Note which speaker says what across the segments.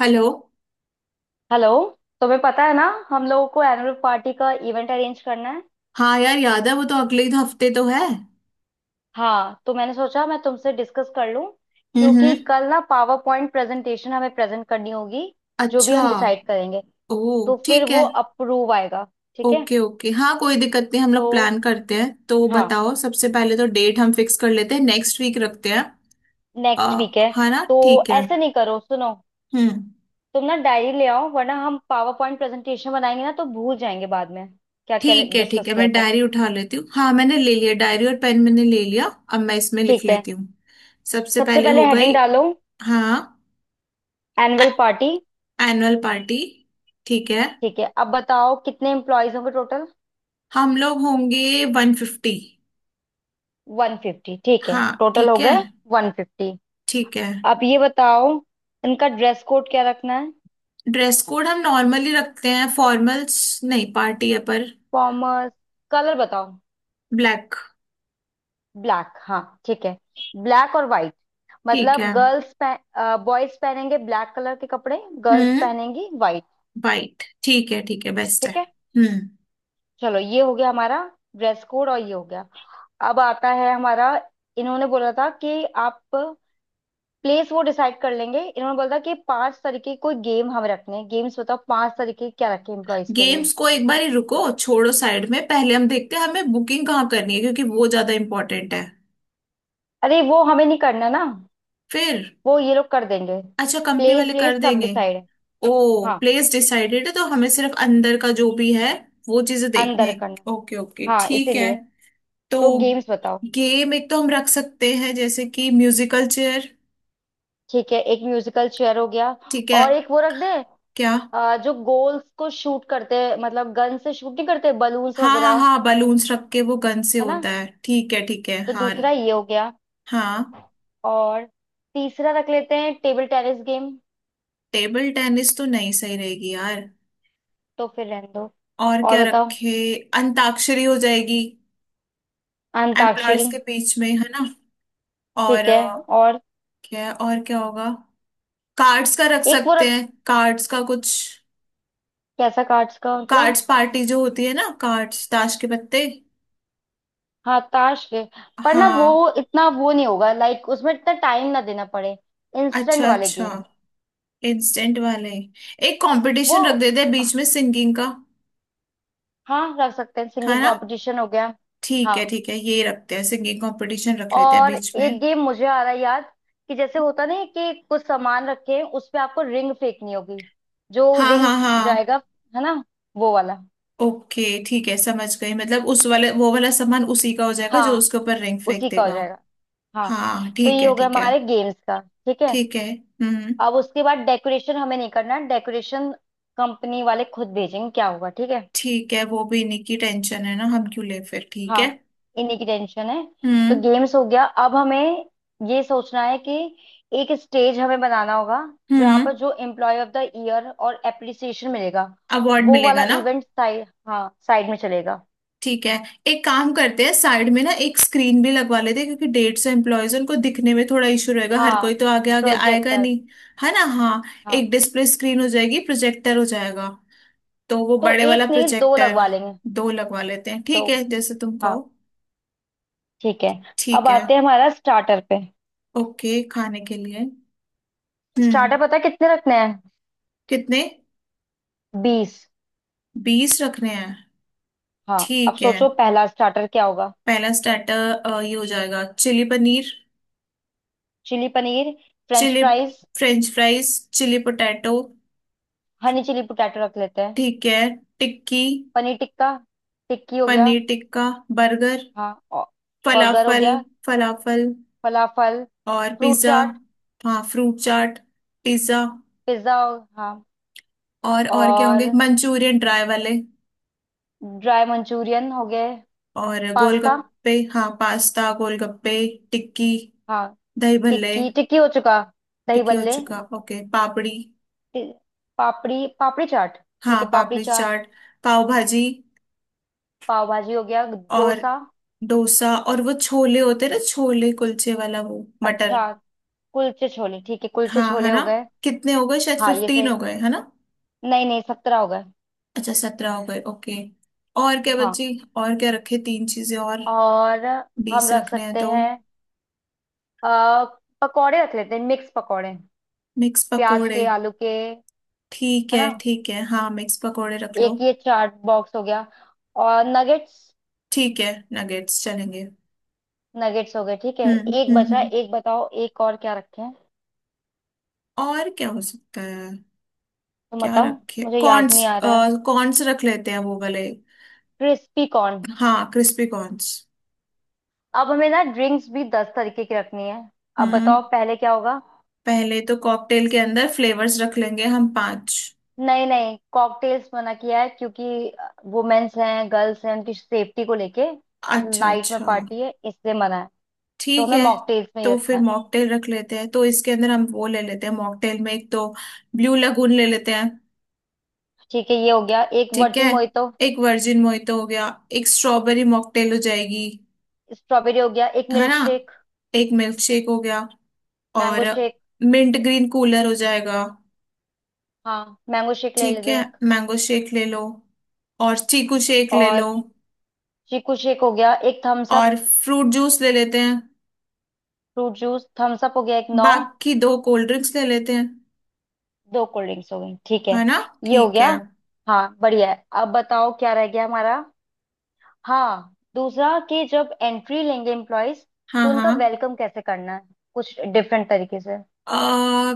Speaker 1: Hello.
Speaker 2: Hello. तुम्हें पता है ना। हम लोगों को एनुअल पार्टी का इवेंट अरेंज करना है।
Speaker 1: हाँ यार, याद है, वो तो अगले ही तो हफ्ते तो है।
Speaker 2: हाँ, तो मैंने सोचा मैं तुमसे डिस्कस कर लूं
Speaker 1: हम्म।
Speaker 2: क्योंकि कल ना पावर पॉइंट प्रेजेंटेशन हमें प्रेजेंट करनी होगी। जो भी
Speaker 1: अच्छा।
Speaker 2: हम डिसाइड करेंगे
Speaker 1: ओ।
Speaker 2: तो फिर
Speaker 1: ठीक
Speaker 2: वो
Speaker 1: है।
Speaker 2: अप्रूव आएगा। ठीक है।
Speaker 1: ओके ओके, हाँ कोई दिक्कत नहीं, हम
Speaker 2: तो
Speaker 1: लोग प्लान करते हैं, तो
Speaker 2: हाँ,
Speaker 1: बताओ सबसे पहले तो डेट हम फिक्स कर लेते हैं, नेक्स्ट वीक रखते हैं।
Speaker 2: नेक्स्ट
Speaker 1: अ,
Speaker 2: वीक है।
Speaker 1: हाँ ना,
Speaker 2: तो
Speaker 1: ठीक है।
Speaker 2: ऐसे नहीं करो, सुनो।
Speaker 1: हम्म।
Speaker 2: तुम ना डायरी ले आओ, वरना हम पावर पॉइंट प्रेजेंटेशन बनाएंगे ना तो भूल जाएंगे बाद में क्या क्या
Speaker 1: ठीक है ठीक
Speaker 2: डिस्कस
Speaker 1: है,
Speaker 2: किया
Speaker 1: मैं
Speaker 2: था।
Speaker 1: डायरी उठा लेती हूँ। हाँ, मैंने ले लिया डायरी और पेन मैंने ले लिया। अब मैं इसमें लिख
Speaker 2: ठीक है।
Speaker 1: लेती हूँ। सबसे
Speaker 2: सबसे
Speaker 1: पहले
Speaker 2: पहले
Speaker 1: हो गई।
Speaker 2: हेडिंग डालो,
Speaker 1: हाँ।
Speaker 2: Annual party.
Speaker 1: Annual party. ठीक है।
Speaker 2: ठीक है, अब बताओ कितने एम्प्लॉयज होंगे टोटल।
Speaker 1: हम लोग होंगे 150।
Speaker 2: 150। ठीक है,
Speaker 1: हाँ।
Speaker 2: टोटल हो
Speaker 1: ठीक है।
Speaker 2: गए। 150।
Speaker 1: ठीक है।
Speaker 2: अब ये बताओ इनका ड्रेस कोड क्या रखना है।
Speaker 1: ड्रेस कोड हम नॉर्मली रखते हैं फॉर्मल्स, नहीं पार्टी है पर।
Speaker 2: फॉर्मल। कलर बताओ।
Speaker 1: ब्लैक।
Speaker 2: ब्लैक, हाँ। ठीक है। ब्लैक और वाइट,
Speaker 1: ठीक
Speaker 2: मतलब
Speaker 1: है।
Speaker 2: गर्ल्स। बॉयज पहनेंगे ब्लैक कलर के कपड़े, गर्ल्स
Speaker 1: हम्म।
Speaker 2: पहनेंगी वाइट।
Speaker 1: वाइट ठीक है, ठीक है, बेस्ट है।
Speaker 2: ठीक है।
Speaker 1: हम्म।
Speaker 2: चलो, ये हो गया हमारा ड्रेस कोड, और ये हो गया। अब आता है हमारा। इन्होंने बोला था कि आप प्लेस वो डिसाइड कर लेंगे। इन्होंने बोला था कि पांच तरीके कोई गेम हम रखने हैं। गेम्स बताओ, पांच तरीके क्या रखे एम्प्लॉयज के लिए।
Speaker 1: गेम्स को एक बार ही रुको, छोड़ो साइड में, पहले हम देखते हैं हमें बुकिंग कहाँ करनी है, क्योंकि वो ज्यादा इम्पोर्टेंट है।
Speaker 2: अरे, वो हमें नहीं करना ना,
Speaker 1: फिर?
Speaker 2: वो ये लोग कर देंगे।
Speaker 1: अच्छा, कंपनी
Speaker 2: प्लेस
Speaker 1: वाले
Speaker 2: प्लेस
Speaker 1: कर
Speaker 2: सब
Speaker 1: देंगे।
Speaker 2: डिसाइड है।
Speaker 1: ओ,
Speaker 2: हाँ,
Speaker 1: प्लेस डिसाइडेड है तो हमें सिर्फ अंदर का जो भी है वो चीजें देखने
Speaker 2: अंदर
Speaker 1: हैं।
Speaker 2: करना।
Speaker 1: ओके ओके
Speaker 2: हाँ,
Speaker 1: ठीक है।
Speaker 2: इसीलिए।
Speaker 1: तो
Speaker 2: तो गेम्स बताओ।
Speaker 1: गेम एक तो हम रख सकते हैं जैसे कि म्यूजिकल चेयर।
Speaker 2: ठीक है, एक म्यूजिकल चेयर हो गया।
Speaker 1: ठीक है।
Speaker 2: और एक वो रख दे।
Speaker 1: क्या?
Speaker 2: जो गोल्स को शूट करते हैं, मतलब गन से शूट नहीं करते, बलून्स
Speaker 1: हाँ हाँ
Speaker 2: वगैरह।
Speaker 1: हाँ, बलून्स रख के वो गन से
Speaker 2: है ना।
Speaker 1: होता है, ठीक है ठीक है
Speaker 2: तो
Speaker 1: हाँ।
Speaker 2: दूसरा ये हो गया।
Speaker 1: हाँ।
Speaker 2: और तीसरा रख लेते हैं, table tennis game.
Speaker 1: Table tennis तो नहीं सही रहेगी यार।
Speaker 2: तो फिर रहने दो।
Speaker 1: और
Speaker 2: और
Speaker 1: क्या
Speaker 2: बताओ।
Speaker 1: रखे? अंताक्षरी हो जाएगी, एम्प्लॉयर्स
Speaker 2: अंताक्षरी।
Speaker 1: के बीच में, है ना। और
Speaker 2: ठीक है। और
Speaker 1: क्या और क्या होगा? कार्ड्स का रख
Speaker 2: एक वो
Speaker 1: सकते
Speaker 2: रख।
Speaker 1: हैं, कार्ड्स का कुछ।
Speaker 2: कैसा कार्ड्स का मतलब।
Speaker 1: कार्ड्स पार्टी जो होती है ना, कार्ड्स, ताश के पत्ते।
Speaker 2: हाँ, ताश के। पर ना वो,
Speaker 1: हाँ।
Speaker 2: इतना वो नहीं होगा, लाइक उसमें इतना टाइम ना देना पड़े। इंस्टेंट
Speaker 1: अच्छा
Speaker 2: वाले
Speaker 1: अच्छा,
Speaker 2: गेम।
Speaker 1: इंस्टेंट वाले। एक
Speaker 2: वो,
Speaker 1: कंपटीशन रख देते हैं बीच में सिंगिंग का,
Speaker 2: हाँ, रख सकते हैं,
Speaker 1: है
Speaker 2: सिंगिंग
Speaker 1: ना।
Speaker 2: कंपटीशन हो गया।
Speaker 1: ठीक है
Speaker 2: हाँ,
Speaker 1: ठीक है, ये रखते हैं, सिंगिंग कंपटीशन रख लेते हैं
Speaker 2: और
Speaker 1: बीच में।
Speaker 2: एक गेम मुझे आ रहा है याद, कि जैसे होता नहीं है कि कुछ सामान रखे हैं, उस पे आपको रिंग फेंकनी होगी। जो
Speaker 1: हाँ
Speaker 2: रिंग
Speaker 1: हाँ हाँ।
Speaker 2: जाएगा, है ना, वो वाला।
Speaker 1: ओके ठीक है, समझ गई, मतलब उस वाले वो वाला सामान उसी का हो जाएगा जो
Speaker 2: हाँ,
Speaker 1: उसके ऊपर रिंग फेंक
Speaker 2: उसी का हो
Speaker 1: देगा।
Speaker 2: जाएगा। हाँ,
Speaker 1: हाँ
Speaker 2: तो
Speaker 1: ठीक
Speaker 2: ये
Speaker 1: है
Speaker 2: हो गया
Speaker 1: ठीक है।
Speaker 2: हमारे गेम्स का। ठीक है।
Speaker 1: ठीक है। हम्म।
Speaker 2: अब उसके बाद डेकोरेशन हमें नहीं करना, डेकोरेशन कंपनी वाले खुद भेजेंगे क्या होगा। ठीक है।
Speaker 1: ठीक है, वो भी इन्हीं की टेंशन है ना, हम क्यों ले फिर, ठीक
Speaker 2: हाँ,
Speaker 1: है।
Speaker 2: इन्हीं की टेंशन है। तो
Speaker 1: हम्म।
Speaker 2: गेम्स हो गया, अब हमें ये सोचना है कि एक स्टेज हमें बनाना होगा जहाँ पर
Speaker 1: हम्म।
Speaker 2: जो एम्प्लॉय ऑफ द ईयर और एप्रिसिएशन मिलेगा
Speaker 1: अवार्ड
Speaker 2: वो वाला
Speaker 1: मिलेगा ना।
Speaker 2: इवेंट साइड, हाँ, साइड में चलेगा।
Speaker 1: ठीक है। एक काम करते हैं, साइड में ना एक स्क्रीन भी लगवा लेते हैं, क्योंकि 150 एम्प्लॉयज, उनको दिखने में थोड़ा इशू रहेगा, हर
Speaker 2: हाँ,
Speaker 1: कोई तो आगे आगे आएगा
Speaker 2: प्रोजेक्टर।
Speaker 1: नहीं। है ना, हाँ।
Speaker 2: हाँ,
Speaker 1: एक डिस्प्ले स्क्रीन हो जाएगी, प्रोजेक्टर हो जाएगा। तो वो
Speaker 2: तो
Speaker 1: बड़े वाला
Speaker 2: एक नहीं दो
Speaker 1: प्रोजेक्टर।
Speaker 2: लगवा लेंगे।
Speaker 1: दो लगवा लेते हैं,
Speaker 2: दो,
Speaker 1: ठीक है, जैसे तुम कहो।
Speaker 2: हाँ, ठीक है। अब
Speaker 1: ठीक है।
Speaker 2: आते हैं हमारा स्टार्टर पे।
Speaker 1: ओके, खाने के लिए।
Speaker 2: स्टार्टर
Speaker 1: हम्म।
Speaker 2: पता है कितने रखने हैं।
Speaker 1: कितने?
Speaker 2: 20।
Speaker 1: 20 रखने हैं।
Speaker 2: हाँ। अब
Speaker 1: ठीक है।
Speaker 2: सोचो पहला स्टार्टर क्या होगा।
Speaker 1: पहला स्टार्टर ये हो जाएगा, chilli paneer.
Speaker 2: Chilli paneer, French
Speaker 1: chilli.
Speaker 2: Fries.
Speaker 1: French fries. Chilli potato.
Speaker 2: Honey chilli potato रख लेते हैं।
Speaker 1: ठीक है। टिक्की।
Speaker 2: पनीर टिक्का, टिक्की हो गया।
Speaker 1: पनीर टिक्का। बर्गर।
Speaker 2: हाँ, और बर्गर हो
Speaker 1: फलाफल।
Speaker 2: गया।
Speaker 1: फलाफल
Speaker 2: फलाफल,
Speaker 1: और
Speaker 2: फ्रूट
Speaker 1: पिज्जा।
Speaker 2: चाट,
Speaker 1: हाँ, फ्रूट चाट, पिज्जा।
Speaker 2: पिज्जा। हाँ,
Speaker 1: और क्या होंगे,
Speaker 2: और
Speaker 1: मंचूरियन ड्राई वाले।
Speaker 2: ड्राई मंचूरियन हो गए।
Speaker 1: और
Speaker 2: पास्ता।
Speaker 1: गोलगप्पे, हाँ, पास्ता, गोलगप्पे। टिक्की,
Speaker 2: हाँ,
Speaker 1: दही भल्ले।
Speaker 2: टिक्की टिक्की हो चुका। दही
Speaker 1: टिक्की हो
Speaker 2: बल्ले।
Speaker 1: चुका। ओके, पापड़ी।
Speaker 2: ति- पापड़ी, पापड़ी चाट। ठीक
Speaker 1: हाँ
Speaker 2: है, पापड़ी
Speaker 1: पापड़ी
Speaker 2: चाट।
Speaker 1: चाट। पाव भाजी।
Speaker 2: पाव भाजी हो गया।
Speaker 1: और
Speaker 2: डोसा,
Speaker 1: डोसा। और वो छोले होते हैं ना, छोले कुलचे वाला, वो मटर।
Speaker 2: अच्छा। कुलचे छोले, ठीक है, कुलचे
Speaker 1: हाँ, है
Speaker 2: छोले हो
Speaker 1: ना।
Speaker 2: गए।
Speaker 1: कितने हो गए, शायद
Speaker 2: हाँ, ये से।
Speaker 1: 15 हो गए, है ना।
Speaker 2: नहीं नहीं, 17 हो गए।
Speaker 1: अच्छा, 17 हो गए, ओके। और क्या
Speaker 2: हाँ।
Speaker 1: बची? और क्या रखे, तीन चीजें और,
Speaker 2: और हम
Speaker 1: 20
Speaker 2: रख
Speaker 1: रखने हैं
Speaker 2: सकते
Speaker 1: तो।
Speaker 2: हैं आ, पकौड़े, रख लेते हैं मिक्स पकौड़े।
Speaker 1: मिक्स
Speaker 2: प्याज
Speaker 1: पकोड़े।
Speaker 2: के, आलू के। है ना।
Speaker 1: ठीक है हाँ, मिक्स पकोड़े रख लो।
Speaker 2: एक ये चाट बॉक्स हो गया। और नगेट्स,
Speaker 1: ठीक है, नगेट्स चलेंगे।
Speaker 2: नगेट्स हो गए। ठीक है,
Speaker 1: हम्म
Speaker 2: एक बचा है,
Speaker 1: हम्म,
Speaker 2: एक बताओ, एक और क्या रखें।
Speaker 1: और क्या हो सकता है?
Speaker 2: तुम
Speaker 1: क्या
Speaker 2: बताओ।
Speaker 1: रखे,
Speaker 2: मुझे याद
Speaker 1: कॉर्न्स?
Speaker 2: नहीं आ रहा है।
Speaker 1: कॉर्न्स रख लेते हैं, वो वाले।
Speaker 2: Crispy corn.
Speaker 1: हाँ, क्रिस्पी कॉर्न्स।
Speaker 2: अब हमें ना ड्रिंक्स भी 10 तरीके की रखनी है। अब
Speaker 1: हम्म।
Speaker 2: बताओ पहले क्या होगा।
Speaker 1: पहले तो कॉकटेल के अंदर फ्लेवर्स रख लेंगे हम पांच।
Speaker 2: नहीं नहीं, कॉकटेल्स मना किया है, क्योंकि वुमेन्स हैं, गर्ल्स हैं, उनकी सेफ्टी को लेके,
Speaker 1: अच्छा
Speaker 2: नाइट में
Speaker 1: अच्छा,
Speaker 2: पार्टी है, इसलिए मना है। तो
Speaker 1: ठीक
Speaker 2: हमें
Speaker 1: है।
Speaker 2: मॉकटेल्स में ही
Speaker 1: तो
Speaker 2: रखना
Speaker 1: फिर
Speaker 2: है।
Speaker 1: मॉकटेल रख लेते हैं, तो इसके अंदर हम वो ले लेते हैं, मॉकटेल में एक तो ब्लू लगून ले लेते हैं।
Speaker 2: ठीक है, ये हो गया। एक
Speaker 1: ठीक है।
Speaker 2: वर्जिन मोहितो,
Speaker 1: एक वर्जिन मोहितो हो गया। एक स्ट्रॉबेरी मॉकटेल हो जाएगी,
Speaker 2: स्ट्रॉबेरी हो गया। एक
Speaker 1: है
Speaker 2: मिल्क
Speaker 1: ना।
Speaker 2: शेक।
Speaker 1: एक मिल्क शेक हो गया। और
Speaker 2: mango shake,
Speaker 1: mint green cooler हो जाएगा।
Speaker 2: हाँ, मैंगो शेक ले
Speaker 1: ठीक
Speaker 2: लेते
Speaker 1: है,
Speaker 2: हैं एक।
Speaker 1: मैंगो शेक ले लो और चीकू शेक ले लो।
Speaker 2: और चीकू शेक हो गया। एक थम्स अप,
Speaker 1: और फ्रूट जूस ले लेते हैं।
Speaker 2: फ्रूट जूस, थम्स अप हो गया, एक नौ।
Speaker 1: बाकी दो कोल्ड ड्रिंक्स ले लेते हैं,
Speaker 2: दो कोल्ड ड्रिंक्स हो गई। ठीक है,
Speaker 1: है ना।
Speaker 2: ये हो
Speaker 1: ठीक
Speaker 2: गया।
Speaker 1: है।
Speaker 2: हाँ, बढ़िया है। अब बताओ क्या रह गया हमारा। हाँ, दूसरा, कि जब एंट्री लेंगे एम्प्लॉयज तो उनका
Speaker 1: हाँ
Speaker 2: वेलकम कैसे करना है, कुछ डिफरेंट तरीके से।
Speaker 1: हाँ।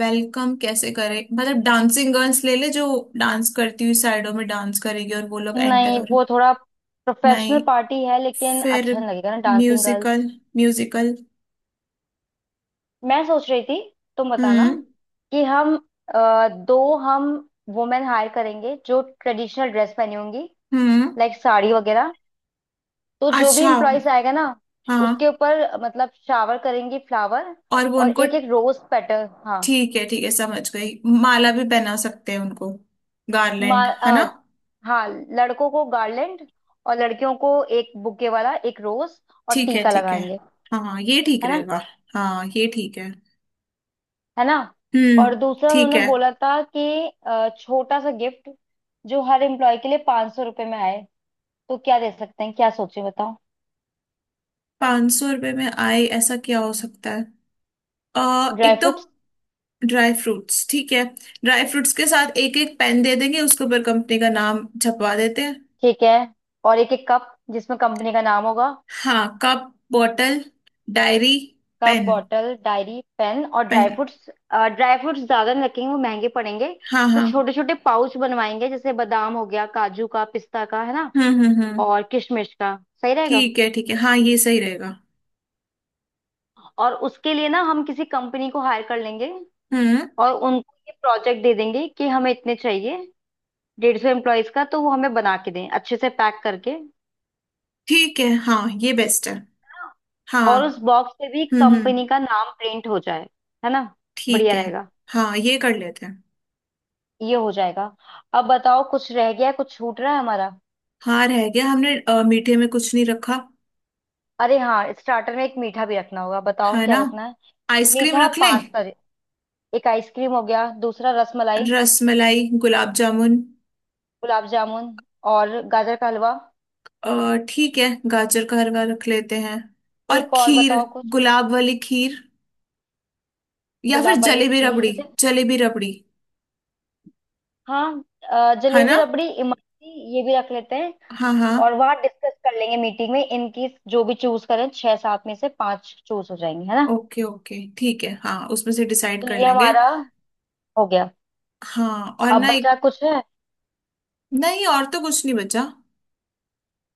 Speaker 1: वेलकम कैसे करे? मतलब डांसिंग गर्ल्स ले ले, जो डांस करती हुई साइडों में डांस करेगी और वो लोग एंटर
Speaker 2: नहीं,
Speaker 1: हो रहे।
Speaker 2: वो थोड़ा प्रोफेशनल
Speaker 1: नहीं।
Speaker 2: पार्टी है, लेकिन
Speaker 1: फिर?
Speaker 2: अच्छा नहीं लगेगा ना डांसिंग गर्ल्स।
Speaker 1: Musical, musical.
Speaker 2: मैं सोच रही थी, तुम बताना,
Speaker 1: हम्म।
Speaker 2: कि हम अ, दो हम वुमेन हायर करेंगे जो ट्रेडिशनल ड्रेस पहनी होंगी,
Speaker 1: हम्म।
Speaker 2: लाइक साड़ी वगैरह। तो जो भी
Speaker 1: अच्छा,
Speaker 2: एम्प्लॉयज आएगा ना,
Speaker 1: हाँ।
Speaker 2: उसके ऊपर मतलब शावर करेंगी फ्लावर,
Speaker 1: और वो
Speaker 2: और
Speaker 1: उनको,
Speaker 2: एक एक रोज पेटल, हाँ।
Speaker 1: ठीक है ठीक है, समझ गई, माला भी पहना सकते हैं उनको,
Speaker 2: मा,
Speaker 1: गार्लैंड, है ना।
Speaker 2: अ, हाँ, लड़कों को गार्लैंड और लड़कियों को एक बुके वाला एक रोज, और टीका
Speaker 1: ठीक है
Speaker 2: लगाएंगे।
Speaker 1: हाँ, ये ठीक
Speaker 2: है ना।
Speaker 1: रहेगा। हाँ, ये ठीक है।
Speaker 2: है ना।
Speaker 1: हम्म।
Speaker 2: और दूसरा
Speaker 1: ठीक
Speaker 2: उन्होंने
Speaker 1: है।
Speaker 2: बोला था कि छोटा सा गिफ्ट, जो हर एम्प्लॉय के लिए 500 रुपए में आए, तो क्या दे सकते हैं, क्या सोचे बताओ।
Speaker 1: 500 रुपये में आए, ऐसा क्या हो सकता है?
Speaker 2: ड्राई
Speaker 1: एक तो
Speaker 2: फ्रूट्स,
Speaker 1: ड्राई फ्रूट्स। ठीक है, ड्राई फ्रूट्स के साथ एक एक पेन दे देंगे, उसके ऊपर कंपनी का नाम छपवा देते हैं।
Speaker 2: ठीक है। और एक एक कप जिसमें कंपनी का नाम होगा।
Speaker 1: हाँ, cup bottle diary
Speaker 2: cup,
Speaker 1: pen.
Speaker 2: Bottle, diary, pen और dry
Speaker 1: pen.
Speaker 2: Fruits. Dry fruits ज्यादा नहीं रखेंगे, वो महंगे पड़ेंगे।
Speaker 1: हाँ
Speaker 2: तो
Speaker 1: हाँ।
Speaker 2: छोटे छोटे पाउच बनवाएंगे, जैसे बादाम हो गया, काजू का, पिस्ता का, है ना,
Speaker 1: हम्म।
Speaker 2: और किशमिश का। सही रहेगा।
Speaker 1: ठीक है हाँ, ये सही रहेगा।
Speaker 2: और उसके लिए ना हम किसी कंपनी को हायर कर लेंगे
Speaker 1: हम्म।
Speaker 2: और उनको ये प्रोजेक्ट दे देंगे कि हमें इतने चाहिए, 150 एम्प्लॉयज का, तो वो हमें बना के दें अच्छे से पैक करके।
Speaker 1: ठीक है, हाँ ये बेस्ट है। हाँ।
Speaker 2: और उस बॉक्स पे भी
Speaker 1: हम्म।
Speaker 2: कंपनी का नाम प्रिंट हो जाए। है ना।
Speaker 1: ठीक
Speaker 2: बढ़िया
Speaker 1: है।
Speaker 2: रहेगा,
Speaker 1: हाँ ये कर लेते हैं।
Speaker 2: ये हो जाएगा। अब बताओ कुछ रह गया है, कुछ छूट रहा है हमारा।
Speaker 1: हाँ रह गया, हमने मीठे में कुछ नहीं रखा,
Speaker 2: अरे हाँ, स्टार्टर में एक मीठा भी रखना होगा, बताओ
Speaker 1: है
Speaker 2: क्या
Speaker 1: ना।
Speaker 2: रखना है।
Speaker 1: आइसक्रीम
Speaker 2: मीठा
Speaker 1: रख लें।
Speaker 2: पांच तरह। एक आइसक्रीम हो गया, दूसरा रसमलाई,
Speaker 1: रस मलाई, गुलाब जामुन।
Speaker 2: गुलाब जामुन, और गाजर का हलवा।
Speaker 1: ठीक है, गाजर का हलवा रख लेते हैं। और
Speaker 2: एक और
Speaker 1: खीर,
Speaker 2: बताओ कुछ।
Speaker 1: गुलाब वाली खीर, या फिर
Speaker 2: गुलाब वाली
Speaker 1: जलेबी
Speaker 2: खीर
Speaker 1: रबड़ी।
Speaker 2: जैसे।
Speaker 1: जलेबी रबड़ी,
Speaker 2: हाँ,
Speaker 1: है
Speaker 2: जलेबी,
Speaker 1: ना।
Speaker 2: रबड़ी, इमरती, ये भी रख लेते हैं।
Speaker 1: हाँ हाँ।
Speaker 2: और वहां डिस्कस कर लेंगे मीटिंग में, इनकी जो भी चूज करें, छह सात में से पांच चूज हो जाएंगे, है ना।
Speaker 1: ओके ओके ठीक है, हाँ उसमें से डिसाइड
Speaker 2: तो
Speaker 1: कर
Speaker 2: ये
Speaker 1: लेंगे।
Speaker 2: हमारा हो गया।
Speaker 1: हाँ और
Speaker 2: अब
Speaker 1: ना
Speaker 2: बचा
Speaker 1: एक।
Speaker 2: कुछ है।
Speaker 1: नहीं, और तो कुछ नहीं बचा।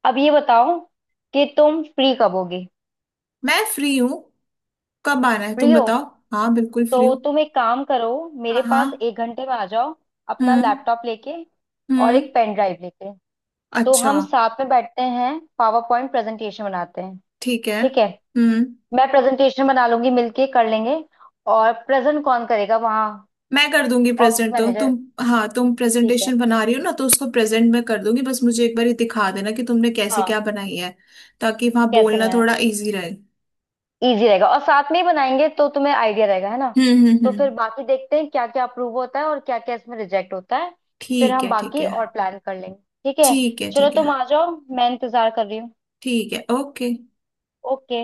Speaker 2: अब ये बताओ कि तुम फ्री कब होगे।
Speaker 1: मैं फ्री हूँ, कब आना है
Speaker 2: फ्री
Speaker 1: तुम
Speaker 2: हो,
Speaker 1: बताओ। हाँ बिल्कुल फ्री
Speaker 2: तो
Speaker 1: हूँ।
Speaker 2: तुम एक काम करो, मेरे
Speaker 1: हाँ
Speaker 2: पास
Speaker 1: हाँ।
Speaker 2: 1 घंटे में आ जाओ, अपना
Speaker 1: हम्म।
Speaker 2: लैपटॉप लेके और
Speaker 1: हम्म।
Speaker 2: एक पेन ड्राइव लेके। तो
Speaker 1: अच्छा।
Speaker 2: हम साथ में बैठते हैं, पावर पॉइंट प्रेजेंटेशन बनाते हैं।
Speaker 1: ठीक है।
Speaker 2: ठीक है।
Speaker 1: हम्म।
Speaker 2: मैं प्रेजेंटेशन बना लूंगी, मिलके कर लेंगे। और प्रेजेंट कौन करेगा वहाँ,
Speaker 1: मैं कर दूंगी
Speaker 2: ऑप्स
Speaker 1: प्रेजेंट, तो
Speaker 2: मैनेजर।
Speaker 1: तुम। हाँ, तुम
Speaker 2: ठीक है,
Speaker 1: प्रेजेंटेशन बना रही हो ना, तो उसको प्रेजेंट में कर दूंगी, बस मुझे एक बार ये दिखा देना कि तुमने कैसे
Speaker 2: हाँ,
Speaker 1: क्या बनाई है, ताकि वहां
Speaker 2: कैसे
Speaker 1: बोलना
Speaker 2: बनाया।
Speaker 1: थोड़ा इजी रहे।
Speaker 2: इजी रहेगा, और साथ में ही बनाएंगे तो तुम्हें आइडिया रहेगा, है ना। तो
Speaker 1: हम्म।
Speaker 2: फिर बाकी देखते हैं क्या क्या अप्रूव होता है और क्या क्या इसमें रिजेक्ट होता है। फिर
Speaker 1: ठीक
Speaker 2: हम
Speaker 1: है ठीक
Speaker 2: बाकी
Speaker 1: है।
Speaker 2: और प्लान कर लेंगे। ठीक है।
Speaker 1: ठीक है
Speaker 2: चलो,
Speaker 1: ठीक है
Speaker 2: तुम आ जाओ, मैं इंतजार कर रही हूँ।
Speaker 1: ठीक है। ओके।
Speaker 2: ओके।